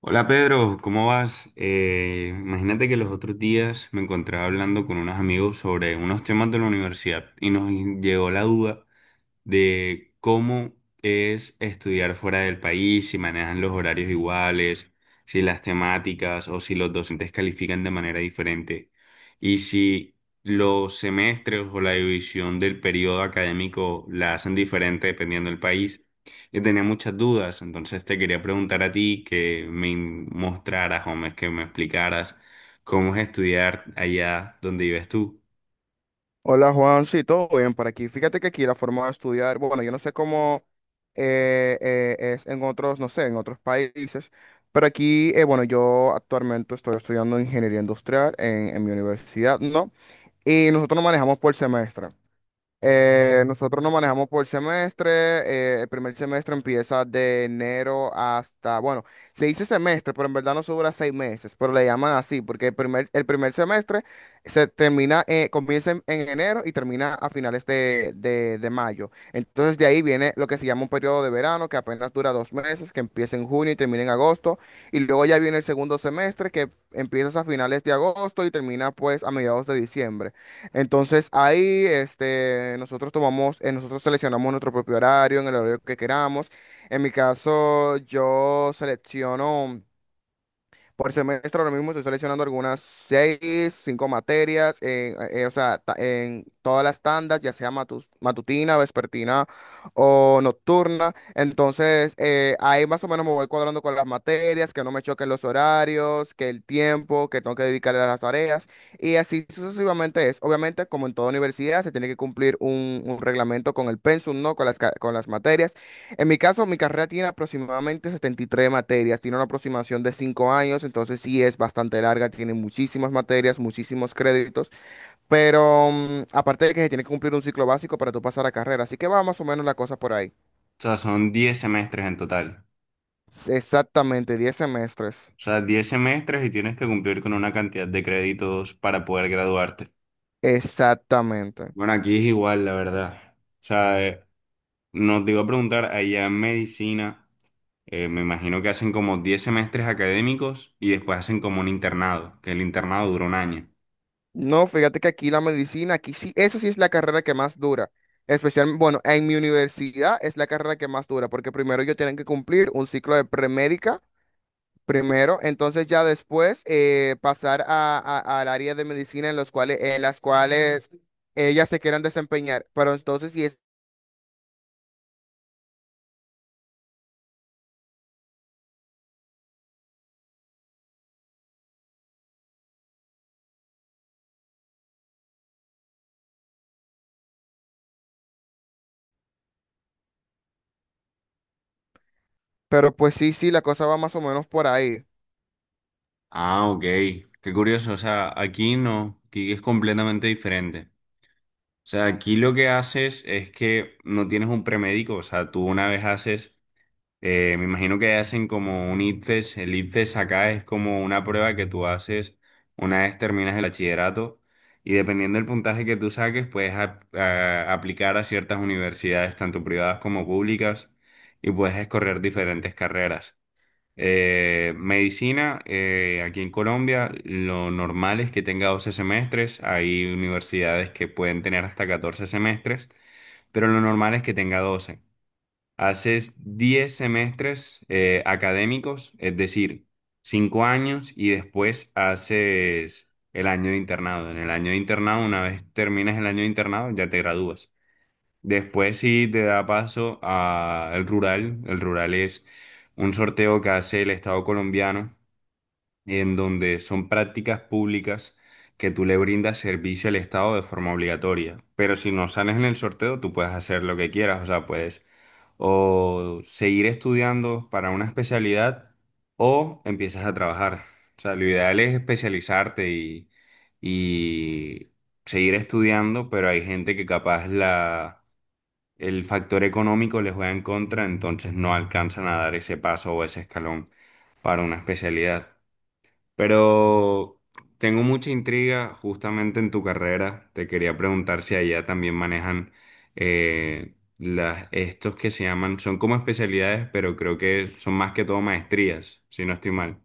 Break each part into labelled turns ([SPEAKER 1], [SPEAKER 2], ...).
[SPEAKER 1] Hola Pedro, ¿cómo vas? Imagínate que los otros días me encontraba hablando con unos amigos sobre unos temas de la universidad y nos llegó la duda de cómo es estudiar fuera del país, si manejan los horarios iguales, si las temáticas o si los docentes califican de manera diferente y si los semestres o la división del periodo académico la hacen diferente dependiendo del país. Yo tenía muchas dudas, entonces te quería preguntar a ti que me mostraras o que me explicaras cómo es estudiar allá donde vives tú.
[SPEAKER 2] Hola Juan, sí, todo bien por aquí. Fíjate que aquí la forma de estudiar, bueno, yo no sé cómo es en otros, no sé, en otros países, pero aquí, bueno, yo actualmente estoy estudiando ingeniería industrial en mi universidad, ¿no? Y nosotros nos manejamos por semestre. Nosotros nos manejamos por semestre. El primer semestre empieza de enero hasta, bueno, se dice semestre, pero en verdad no se dura 6 meses, pero le llaman así, porque el primer semestre comienza en enero y termina a finales de mayo. Entonces de ahí viene lo que se llama un periodo de verano, que apenas dura 2 meses, que empieza en junio y termina en agosto. Y luego ya viene el segundo semestre, que empieza a finales de agosto y termina pues a mediados de diciembre. Entonces ahí este, nosotros seleccionamos nuestro propio horario, en el horario que queramos. En mi caso, yo selecciono. Por semestre ahora mismo estoy seleccionando algunas seis, cinco materias, en, o sea, en todas las tandas, ya sea matutina, vespertina o nocturna. Entonces, ahí más o menos me voy cuadrando con las materias, que no me choquen los horarios, que el tiempo que tengo que dedicarle a las tareas. Y así sucesivamente es. Obviamente, como en toda universidad, se tiene que cumplir un reglamento con el pensum, ¿no? Con con las materias. En mi caso, mi carrera tiene aproximadamente 73 materias, tiene una aproximación de 5 años, entonces sí es bastante larga, tiene muchísimas materias, muchísimos créditos, pero aparte de que se tiene que cumplir un ciclo básico para tú pasar a carrera, así que va más o menos la cosa por ahí.
[SPEAKER 1] O sea, son 10 semestres en total.
[SPEAKER 2] Exactamente, 10 semestres.
[SPEAKER 1] O sea, 10 semestres y tienes que cumplir con una cantidad de créditos para poder graduarte.
[SPEAKER 2] Exactamente.
[SPEAKER 1] Bueno, aquí es igual, la verdad. O sea, nos te iba a preguntar, allá en medicina, me imagino que hacen como 10 semestres académicos y después hacen como un internado, que el internado dura un año.
[SPEAKER 2] No, fíjate que aquí la medicina, aquí sí, esa sí es la carrera que más dura. Especialmente, bueno, en mi universidad es la carrera que más dura, porque primero yo tienen que cumplir un ciclo de premédica primero, entonces ya después pasar al área de medicina en los cuales, en las cuales ellas se quieran desempeñar. Pero entonces sí es, pero pues sí, sí, la cosa va más o menos por ahí.
[SPEAKER 1] Ah, ok. Qué curioso. O sea, aquí no, aquí es completamente diferente. O sea, aquí lo que haces es que no tienes un premédico, o sea, tú una vez haces. Me imagino que hacen como un ICFES. El ICFES acá es como una prueba que tú haces una vez terminas el bachillerato y dependiendo del puntaje que tú saques, puedes aplicar a ciertas universidades, tanto privadas como públicas, y puedes escoger diferentes carreras. Medicina, aquí en Colombia, lo normal es que tenga 12 semestres. Hay universidades que pueden tener hasta 14 semestres, pero lo normal es que tenga 12. Haces 10 semestres académicos, es decir, 5 años y después haces el año de internado. En el año de internado, una vez terminas el año de internado, ya te gradúas. Después sí te da paso al rural. El rural es un sorteo que hace el Estado colombiano en donde son prácticas públicas que tú le brindas servicio al Estado de forma obligatoria. Pero si no sales en el sorteo, tú puedes hacer lo que quieras, o sea, puedes o seguir estudiando para una especialidad o empiezas a trabajar. O sea, lo ideal es especializarte y seguir estudiando, pero hay gente que capaz la, el factor económico les juega en contra, entonces no alcanzan a dar ese paso o ese escalón para una especialidad. Pero tengo mucha intriga justamente en tu carrera. Te quería preguntar si allá también manejan las, estos que se llaman, son como especialidades, pero creo que son más que todo maestrías, si no estoy mal.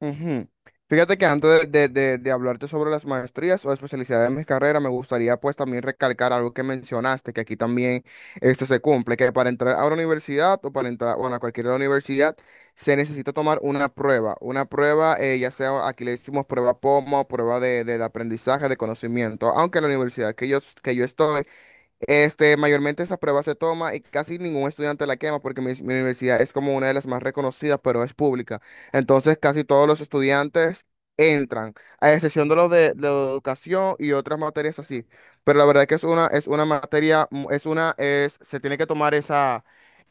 [SPEAKER 2] Ujú. Fíjate que antes de hablarte sobre las maestrías o especialidades de mis carreras, me gustaría pues también recalcar algo que mencionaste, que aquí también este se cumple, que para entrar a una universidad o para entrar, bueno, a cualquier universidad, se necesita tomar una prueba, ya sea aquí le decimos prueba POMO, prueba de, del aprendizaje, de conocimiento, aunque en la universidad que yo estoy este, mayormente esa prueba se toma y casi ningún estudiante la quema porque mi universidad es como una de las más reconocidas, pero es pública. Entonces, casi todos los estudiantes entran, a excepción de los de educación y otras materias así. Pero la verdad es que es una materia, se tiene que tomar esa,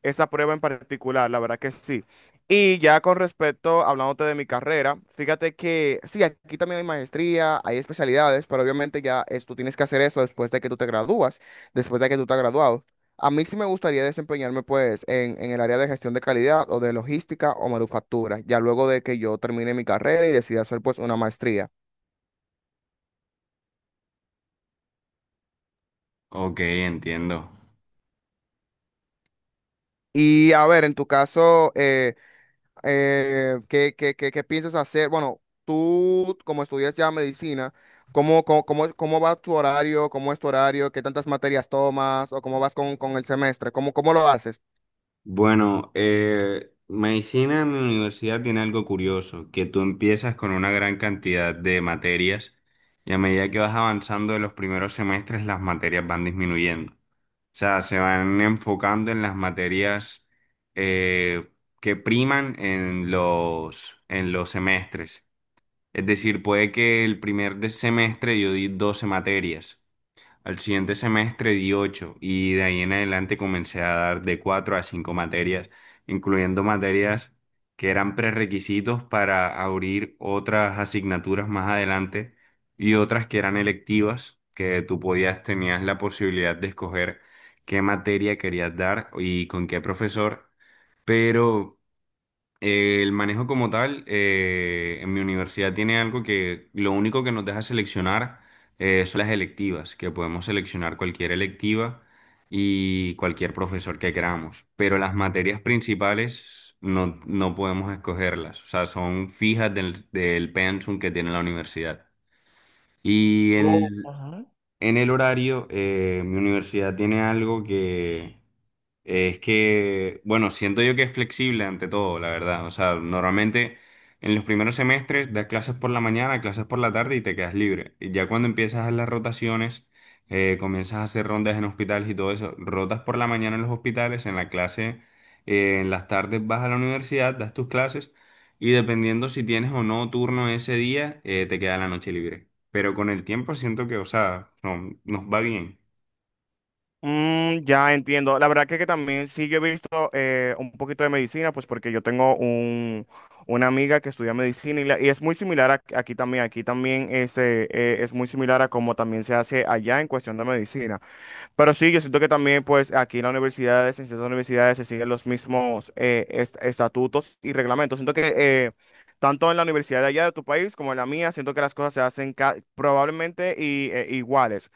[SPEAKER 2] esa prueba en particular, la verdad que sí. Y ya con respecto, hablándote de mi carrera, fíjate que sí, aquí también hay maestría, hay especialidades, pero obviamente ya tú tienes que hacer eso después de que tú te gradúas después de que tú estás graduado. A mí sí me gustaría desempeñarme pues en el área de gestión de calidad o de logística o manufactura, ya luego de que yo termine mi carrera y decida hacer pues una maestría.
[SPEAKER 1] Ok, entiendo.
[SPEAKER 2] Y a ver, en tu caso, ¿qué piensas hacer? Bueno, tú como estudias ya medicina, ¿cómo va tu horario? ¿Cómo es tu horario? ¿Qué tantas materias tomas? ¿O cómo vas con el semestre? ¿Cómo lo haces?
[SPEAKER 1] Bueno, medicina en mi universidad tiene algo curioso, que tú empiezas con una gran cantidad de materias y a medida que vas avanzando en los primeros semestres las materias van disminuyendo. O sea, se van enfocando en las materias eh, que priman en los semestres. Es decir, puede que el semestre yo di 12 materias, al siguiente semestre di 8 y de ahí en adelante comencé a dar de 4 a 5 materias, incluyendo materias que eran prerequisitos para abrir otras asignaturas más adelante y otras que eran electivas, que tú podías, tenías la posibilidad de escoger qué materia querías dar y con qué profesor, pero el manejo como tal, en mi universidad tiene algo que lo único que nos deja seleccionar son las electivas, que podemos seleccionar cualquier electiva y cualquier profesor que queramos, pero las materias principales no, no podemos escogerlas, o sea, son fijas del pensum que tiene la universidad. Y en, en el horario, mi universidad tiene algo que es que, bueno, siento yo que es flexible ante todo, la verdad. O sea, normalmente en los primeros semestres das clases por la mañana, clases por la tarde y te quedas libre. Y ya cuando empiezas a hacer las rotaciones, comienzas a hacer rondas en hospitales y todo eso. Rotas por la mañana en los hospitales, en la clase, en las tardes vas a la universidad, das tus clases y dependiendo si tienes o no turno ese día, te queda la noche libre. Pero con el tiempo siento que, o sea, nos va bien.
[SPEAKER 2] Mm, ya entiendo. La verdad que también sí yo he visto un poquito de medicina, pues porque yo tengo una amiga que estudia medicina y, y es muy similar aquí también. Aquí también este, es muy similar a como también se hace allá en cuestión de medicina. Pero sí, yo siento que también pues aquí en la universidad, en ciertas universidades se siguen los mismos estatutos y reglamentos. Siento que tanto en la universidad de allá de tu país como en la mía, siento que las cosas se hacen probablemente y, iguales.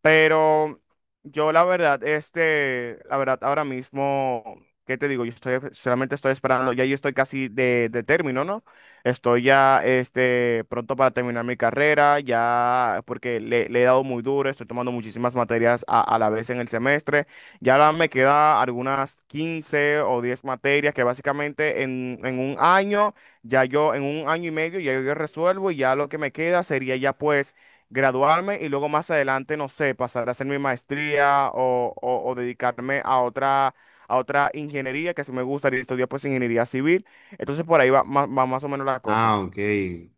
[SPEAKER 2] Pero yo la verdad, este, la verdad, ahora mismo, ¿qué te digo? Yo estoy, solamente estoy esperando, ya yo estoy casi de término, ¿no? Estoy ya, este, pronto para terminar mi carrera, ya, porque le he dado muy duro, estoy tomando muchísimas materias a la vez en el semestre. Ya ahora me queda algunas 15 o 10 materias que básicamente en un año, ya yo, en un año y medio, ya yo resuelvo y ya lo que me queda sería ya pues graduarme y luego más adelante, no sé, pasar a hacer mi maestría o, o dedicarme a otra, ingeniería que sí me gustaría estudiar, pues ingeniería civil. Entonces por ahí va, va más o menos la cosa.
[SPEAKER 1] Ah, ok.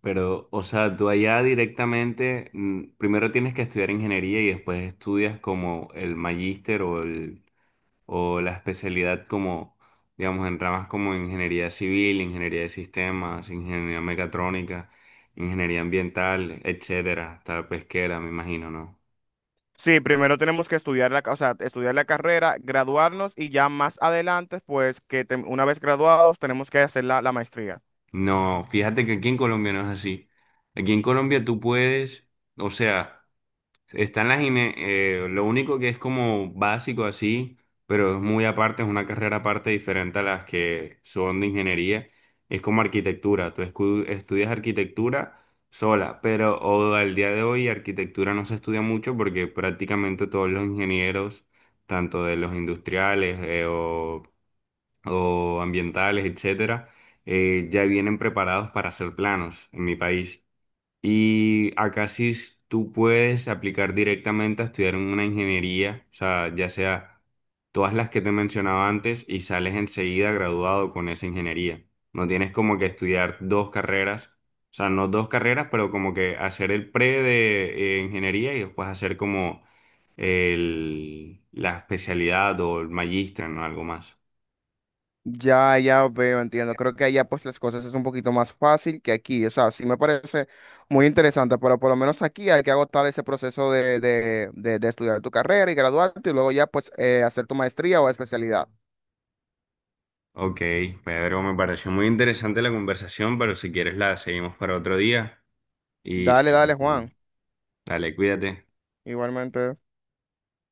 [SPEAKER 1] Pero, o sea, tú allá directamente, mm, primero tienes que estudiar ingeniería y después estudias como el magíster o el, o la especialidad como, digamos, en ramas como ingeniería civil, ingeniería de sistemas, ingeniería mecatrónica, ingeniería ambiental, etcétera, hasta pesquera, me imagino, ¿no?
[SPEAKER 2] Sí, primero tenemos que estudiar o sea, estudiar la carrera, graduarnos y ya más adelante, pues una vez graduados tenemos que hacer la maestría.
[SPEAKER 1] No, fíjate que aquí en Colombia no es así. Aquí en Colombia tú puedes, o sea, están las INE, lo único que es como básico así, pero es muy aparte, es una carrera aparte diferente a las que son de ingeniería, es como arquitectura. Estudias arquitectura sola, pero o al día de hoy arquitectura no se estudia mucho porque prácticamente todos los ingenieros, tanto de los industriales o ambientales, etcétera, ya vienen preparados para hacer planos en mi país. Y acá tú puedes aplicar directamente a estudiar en una ingeniería, o sea, ya sea todas las que te mencionaba antes y sales enseguida graduado con esa ingeniería. No tienes como que estudiar dos carreras, o sea, no dos carreras, pero como que hacer el pre de ingeniería y después hacer como la especialidad o el magíster, no. Algo más.
[SPEAKER 2] Ya, ya veo, entiendo. Creo que allá pues las cosas es un poquito más fácil que aquí. O sea, sí me parece muy interesante, pero por lo menos aquí hay que agotar ese proceso de estudiar tu carrera y graduarte y luego ya pues hacer tu maestría o especialidad.
[SPEAKER 1] Ok, Pedro, me pareció muy interesante la conversación, pero si quieres la seguimos para otro día y
[SPEAKER 2] Dale, dale,
[SPEAKER 1] seguimos.
[SPEAKER 2] Juan.
[SPEAKER 1] Dale, cuídate.
[SPEAKER 2] Igualmente.